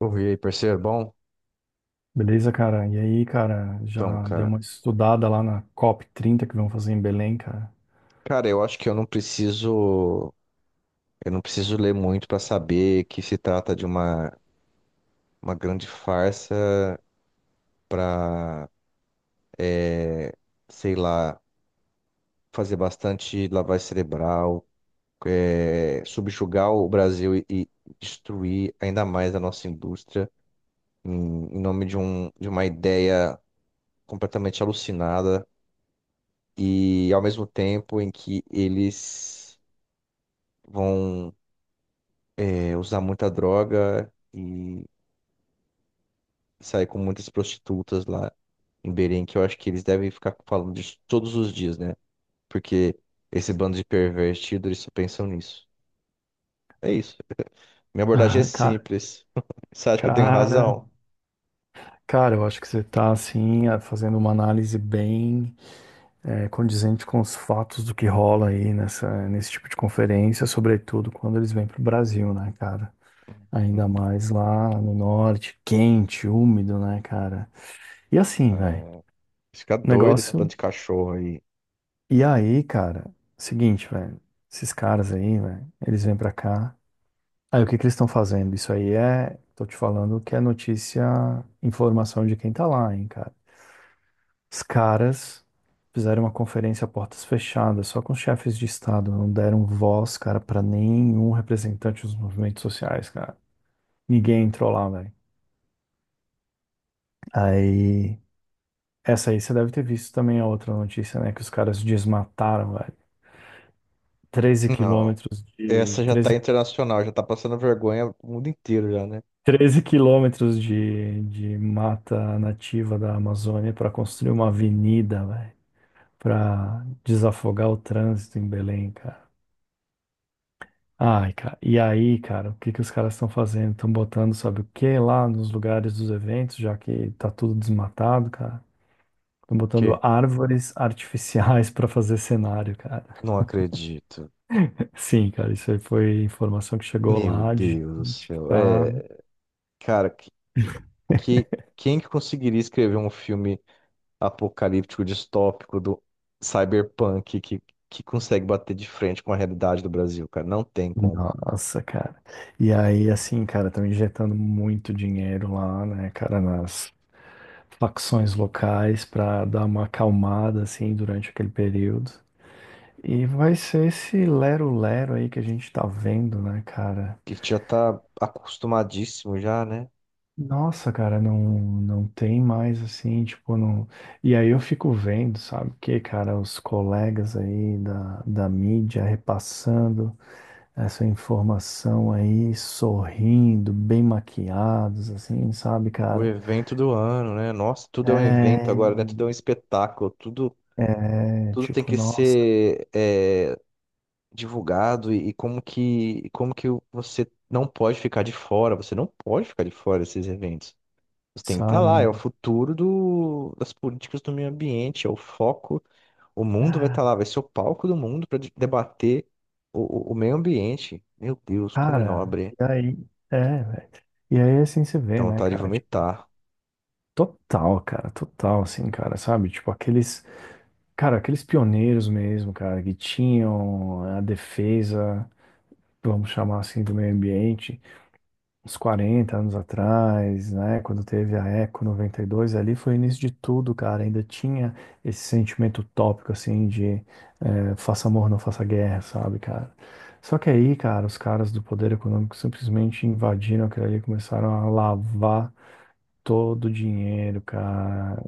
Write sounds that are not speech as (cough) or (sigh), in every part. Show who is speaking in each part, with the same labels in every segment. Speaker 1: Ouvi aí, parceiro, bom?
Speaker 2: Beleza, cara? E aí, cara,
Speaker 1: Então,
Speaker 2: já deu
Speaker 1: cara.
Speaker 2: uma estudada lá na COP30 que vão fazer em Belém, cara? (laughs)
Speaker 1: Eu acho que eu não preciso. Eu não preciso ler muito pra saber que se trata de uma grande farsa pra, é, sei lá, fazer bastante lavagem cerebral, subjugar o Brasil e destruir ainda mais a nossa indústria em nome de, um, de uma ideia completamente alucinada e ao mesmo tempo em que eles vão usar muita droga e sair com muitas prostitutas lá em Belém, que eu acho que eles devem ficar falando disso todos os dias, né? Porque esse bando de pervertido, eles só pensam nisso. É isso. Minha abordagem é
Speaker 2: Ah,
Speaker 1: simples. (laughs) Você acha que eu tenho
Speaker 2: cara,
Speaker 1: razão?
Speaker 2: cara, eu acho que você tá, assim, fazendo uma análise bem condizente com os fatos do que rola aí nesse tipo de conferência, sobretudo quando eles vêm pro Brasil, né, cara? Ainda mais lá no norte, quente, úmido, né, cara? E assim, velho,
Speaker 1: É, fica doido esse bando
Speaker 2: negócio.
Speaker 1: de cachorro aí.
Speaker 2: E aí, cara, seguinte, velho, esses caras aí, velho, eles vêm pra cá. Aí o que que eles estão fazendo? Isso aí é, tô te falando que é notícia, informação de quem tá lá, hein, cara. Os caras fizeram uma conferência a portas fechadas, só com os chefes de estado, não deram voz, cara, pra nenhum representante dos movimentos sociais, cara. Ninguém entrou lá, velho. Aí, essa aí você deve ter visto também a outra notícia, né, que os caras desmataram, velho. 13
Speaker 1: Não.
Speaker 2: quilômetros de
Speaker 1: Essa já tá
Speaker 2: 13
Speaker 1: internacional, já tá passando vergonha o mundo inteiro já, né?
Speaker 2: treze quilômetros de mata nativa da Amazônia para construir uma avenida, velho, para desafogar o trânsito em Belém, cara. Ai, cara, e aí, cara, o que que os caras estão fazendo? Estão botando, sabe o que lá nos lugares dos eventos, já que tá tudo desmatado, cara? Estão botando
Speaker 1: Que?
Speaker 2: árvores artificiais (laughs) para fazer cenário, cara.
Speaker 1: Não acredito.
Speaker 2: (laughs) Sim, cara, isso aí foi informação que chegou
Speaker 1: Meu
Speaker 2: lá de
Speaker 1: Deus do
Speaker 2: gente que
Speaker 1: céu.
Speaker 2: tá.
Speaker 1: É, cara, que quem que conseguiria escrever um filme apocalíptico, distópico do cyberpunk que consegue bater de frente com a realidade do Brasil, cara? Não tem como.
Speaker 2: Nossa, cara. E aí, assim, cara, estão injetando muito dinheiro lá, né, cara, nas facções locais para dar uma acalmada, assim, durante aquele período. E vai ser esse lero-lero aí que a gente tá vendo, né, cara?
Speaker 1: A gente já tá acostumadíssimo já, né?
Speaker 2: Nossa, cara, não, não tem mais, assim, tipo, não. E aí eu fico vendo, sabe, que, cara, os colegas aí da, da mídia repassando. Essa informação aí, sorrindo, bem maquiados, assim, sabe,
Speaker 1: O
Speaker 2: cara?
Speaker 1: evento do ano, né? Nossa, tudo é um evento
Speaker 2: É,
Speaker 1: agora, né? Tudo é um espetáculo, tudo,
Speaker 2: é,
Speaker 1: tudo tem
Speaker 2: tipo,
Speaker 1: que
Speaker 2: nossa,
Speaker 1: ser divulgado e como e como que você não pode ficar de fora, você não pode ficar de fora desses eventos. Você tem que estar
Speaker 2: sabe,
Speaker 1: lá, é o
Speaker 2: mano?
Speaker 1: futuro das políticas do meio ambiente, é o foco. O mundo vai
Speaker 2: Ah,
Speaker 1: estar lá, vai ser o palco do mundo para debater o meio ambiente. Meu Deus, como é
Speaker 2: Cara,
Speaker 1: nobre.
Speaker 2: e aí, velho. E aí, assim, você
Speaker 1: Dá
Speaker 2: vê, né,
Speaker 1: vontade de
Speaker 2: cara, tipo,
Speaker 1: vomitar.
Speaker 2: total, cara, total, assim, cara, sabe? Tipo, aqueles, cara, aqueles pioneiros mesmo, cara, que tinham a defesa, vamos chamar assim, do meio ambiente, uns 40 anos atrás, né, quando teve a Eco 92, ali foi o início de tudo, cara. Ainda tinha esse sentimento utópico, assim, de faça amor, não faça guerra, sabe, cara? Só que aí, cara, os caras do poder econômico simplesmente invadiram aquilo ali, e começaram a lavar todo o dinheiro, cara.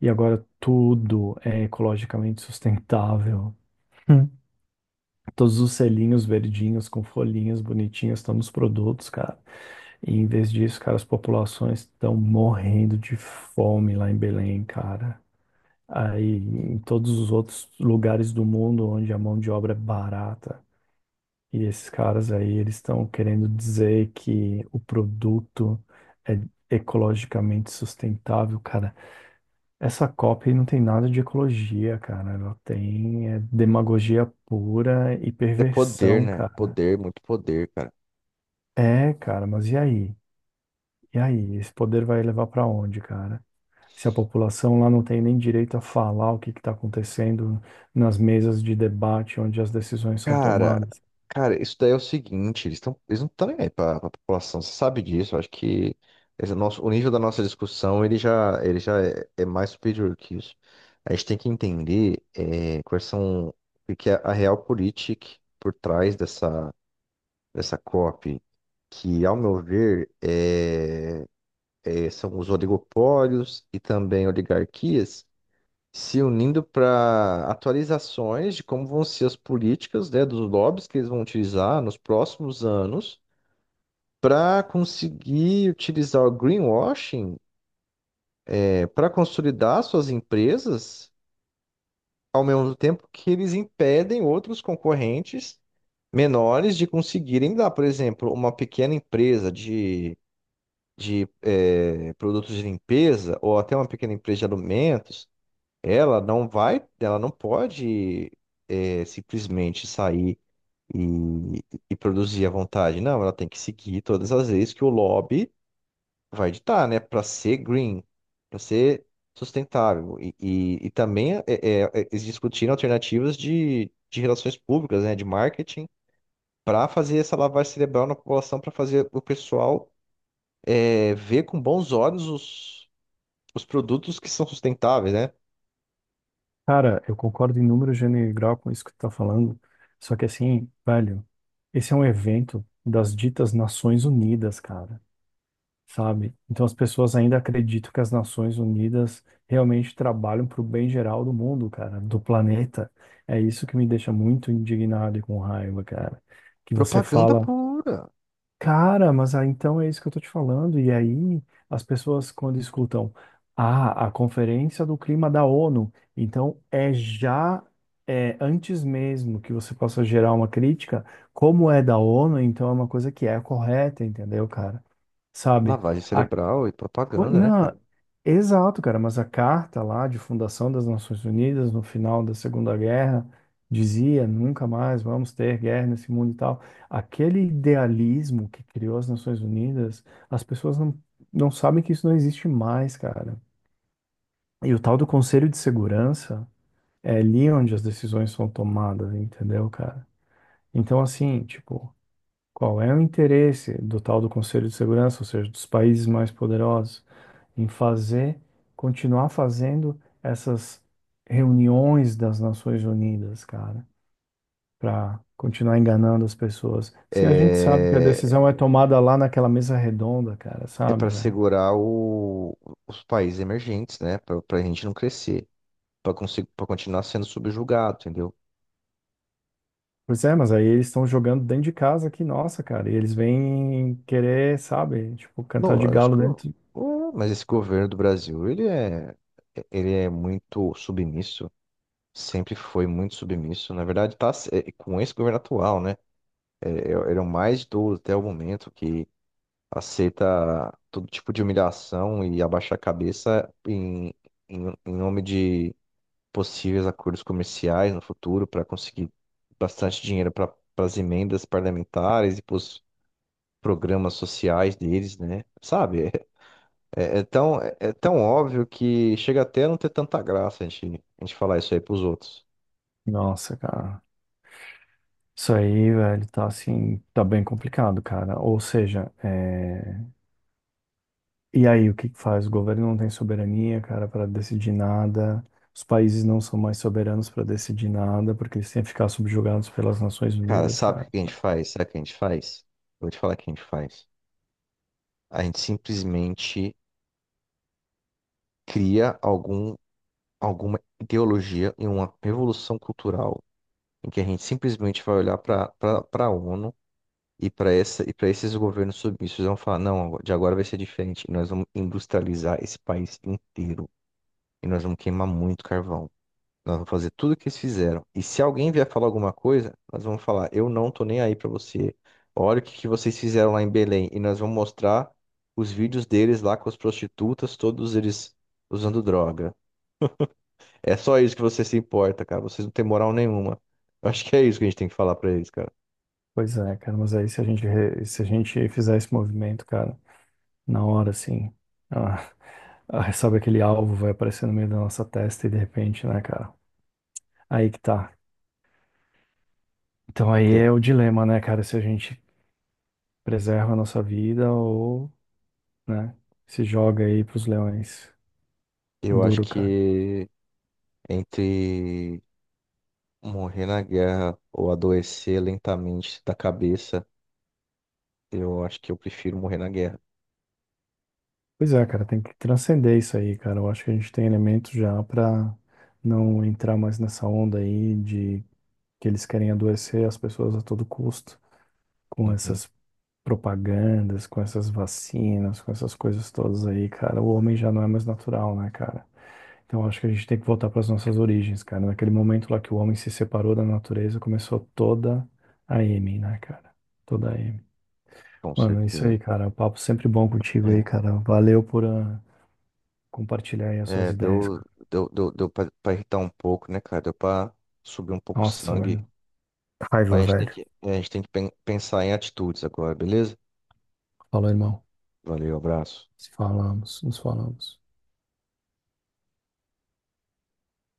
Speaker 2: E agora tudo é ecologicamente sustentável. (laughs) Todos os selinhos verdinhos com folhinhas bonitinhas estão nos produtos, cara. E em vez disso, cara, as populações estão morrendo de fome lá em Belém, cara. Aí em todos os outros lugares do mundo onde a mão de obra é barata. E esses caras aí, eles estão querendo dizer que o produto é ecologicamente sustentável, cara. Essa COP aí não tem nada de ecologia, cara. Ela tem é, demagogia pura e
Speaker 1: É poder,
Speaker 2: perversão,
Speaker 1: né?
Speaker 2: cara.
Speaker 1: Poder, muito poder, cara.
Speaker 2: É, cara, mas e aí? E aí? Esse poder vai levar pra onde, cara? Se a população lá não tem nem direito a falar o que que tá acontecendo nas mesas de debate onde as decisões são
Speaker 1: Cara,
Speaker 2: tomadas.
Speaker 1: cara, isso daí é o seguinte, eles estão, eles não estão nem aí para a população, você sabe disso, eu acho que o nível da nossa discussão, ele já é, é mais superior que isso. A gente tem que entender é, quais são, o que é a real política por trás dessa COP, que, ao meu ver, é, são os oligopólios e também oligarquias se unindo para atualizações de como vão ser as políticas, né, dos lobbies que eles vão utilizar nos próximos anos para conseguir utilizar o greenwashing, para consolidar suas empresas, ao mesmo tempo que eles impedem outros concorrentes menores de conseguirem dar, por exemplo, uma pequena empresa de produtos de limpeza ou até uma pequena empresa de alimentos. Ela não vai, ela não pode simplesmente sair e, e produzir à vontade. Não, ela tem que seguir todas as leis que o lobby vai ditar, né? Para ser green, para ser sustentável. E também eles discutiram alternativas de relações públicas, né? De marketing, para fazer essa lavagem cerebral na população, para fazer o pessoal ver com bons olhos os produtos que são sustentáveis, né?
Speaker 2: Cara, eu concordo em número gênero e grau com isso que tu tá falando, só que assim, velho, esse é um evento das ditas Nações Unidas, cara. Sabe? Então as pessoas ainda acreditam que as Nações Unidas realmente trabalham para o bem geral do mundo, cara, do planeta. É isso que me deixa muito indignado e com raiva, cara. Que você
Speaker 1: Propaganda
Speaker 2: fala,
Speaker 1: pura.
Speaker 2: cara, mas ah, então é isso que eu tô te falando. E aí as pessoas quando escutam, ah, a Conferência do Clima da ONU, então é já É, antes mesmo que você possa gerar uma crítica, como é da ONU, então é uma coisa que é correta, entendeu, cara? Sabe?
Speaker 1: Lavagem cerebral e
Speaker 2: Pô,
Speaker 1: propaganda, né, cara?
Speaker 2: não, exato, cara, mas a carta lá de fundação das Nações Unidas no final da Segunda Guerra dizia nunca mais vamos ter guerra nesse mundo e tal. Aquele idealismo que criou as Nações Unidas, as pessoas não, não sabem que isso não existe mais, cara. E o tal do Conselho de Segurança é ali onde as decisões são tomadas, entendeu, cara? Então, assim, tipo, qual é o interesse do tal do Conselho de Segurança, ou seja, dos países mais poderosos? Em fazer, continuar fazendo essas reuniões das Nações Unidas, cara, para continuar enganando as pessoas. Se a gente sabe que a
Speaker 1: É,
Speaker 2: decisão é tomada lá naquela mesa redonda, cara,
Speaker 1: é
Speaker 2: sabe,
Speaker 1: para
Speaker 2: velho?
Speaker 1: segurar os países emergentes, né? Pra gente não crescer, pra, conseguir, pra continuar sendo subjugado, entendeu?
Speaker 2: Pois é, mas aí eles estão jogando dentro de casa aqui, nossa, cara, e eles vêm querer, sabe, tipo, cantar de galo
Speaker 1: Lógico.
Speaker 2: dentro.
Speaker 1: Ué, mas esse governo do Brasil, ele é muito submisso, sempre foi muito submisso. Na verdade, tá, com esse governo atual, né? Eram mais 12 até o momento, que aceita todo tipo de humilhação e abaixa a cabeça em nome de possíveis acordos comerciais no futuro para conseguir bastante dinheiro para as emendas parlamentares e para os programas sociais deles, né? Sabe? É tão óbvio que chega até a não ter tanta graça a gente falar isso aí para os outros.
Speaker 2: Nossa, cara. Isso aí, velho, tá assim, tá bem complicado, cara. Ou seja, é, e aí, o que que faz? O governo não tem soberania, cara, para decidir nada. Os países não são mais soberanos para decidir nada, porque eles têm que ficar subjugados pelas Nações
Speaker 1: Cara,
Speaker 2: Unidas,
Speaker 1: sabe o
Speaker 2: cara.
Speaker 1: que a gente faz? Sabe o que a gente faz? Eu vou te falar o que a gente faz. A gente simplesmente cria alguma ideologia e uma revolução cultural em que a gente simplesmente vai olhar para a ONU e para essa e para esses governos submissos e vão falar, não, de agora vai ser diferente, e nós vamos industrializar esse país inteiro e nós vamos queimar muito carvão. Nós vamos fazer tudo o que eles fizeram. E se alguém vier falar alguma coisa, nós vamos falar, eu não tô nem aí para você. Olha o que que vocês fizeram lá em Belém e nós vamos mostrar os vídeos deles lá com as prostitutas, todos eles usando droga. É só isso que você se importa, cara. Vocês não têm moral nenhuma. Eu acho que é isso que a gente tem que falar pra eles, cara.
Speaker 2: Pois é, cara, mas aí se a gente, se a gente fizer esse movimento, cara, na hora, assim, ah, sabe aquele alvo vai aparecer no meio da nossa testa e de repente, né, cara? Aí que tá. Então aí
Speaker 1: É.
Speaker 2: é o dilema, né, cara, se a gente preserva a nossa vida ou, né, se joga aí pros leões.
Speaker 1: Eu acho
Speaker 2: Duro, cara.
Speaker 1: que entre morrer na guerra ou adoecer lentamente da cabeça, eu acho que eu prefiro morrer na guerra.
Speaker 2: Pois é, cara, tem que transcender isso aí, cara. Eu acho que a gente tem elementos já pra não entrar mais nessa onda aí de que eles querem adoecer as pessoas a todo custo, com
Speaker 1: Uhum,
Speaker 2: essas propagandas, com essas vacinas, com essas coisas todas aí, cara. O homem já não é mais natural, né, cara? Então eu acho que a gente tem que voltar para as nossas origens, cara. Naquele momento lá que o homem se separou da natureza, começou toda a M, né, cara? Toda a M.
Speaker 1: com
Speaker 2: Mano, é isso
Speaker 1: certeza.
Speaker 2: aí, cara. O papo sempre bom contigo aí,
Speaker 1: É,
Speaker 2: cara. Valeu por compartilhar aí as suas
Speaker 1: é,
Speaker 2: ideias,
Speaker 1: deu,
Speaker 2: cara.
Speaker 1: deu, deu, deu pra, pra irritar um pouco, né, cara? Deu pra subir um pouco o
Speaker 2: Nossa,
Speaker 1: sangue.
Speaker 2: velho. Raiva,
Speaker 1: Mas a gente tem
Speaker 2: velho.
Speaker 1: que, a gente tem que pensar em atitudes agora, beleza?
Speaker 2: Falou, irmão.
Speaker 1: Valeu, abraço.
Speaker 2: Se falamos, nos falamos.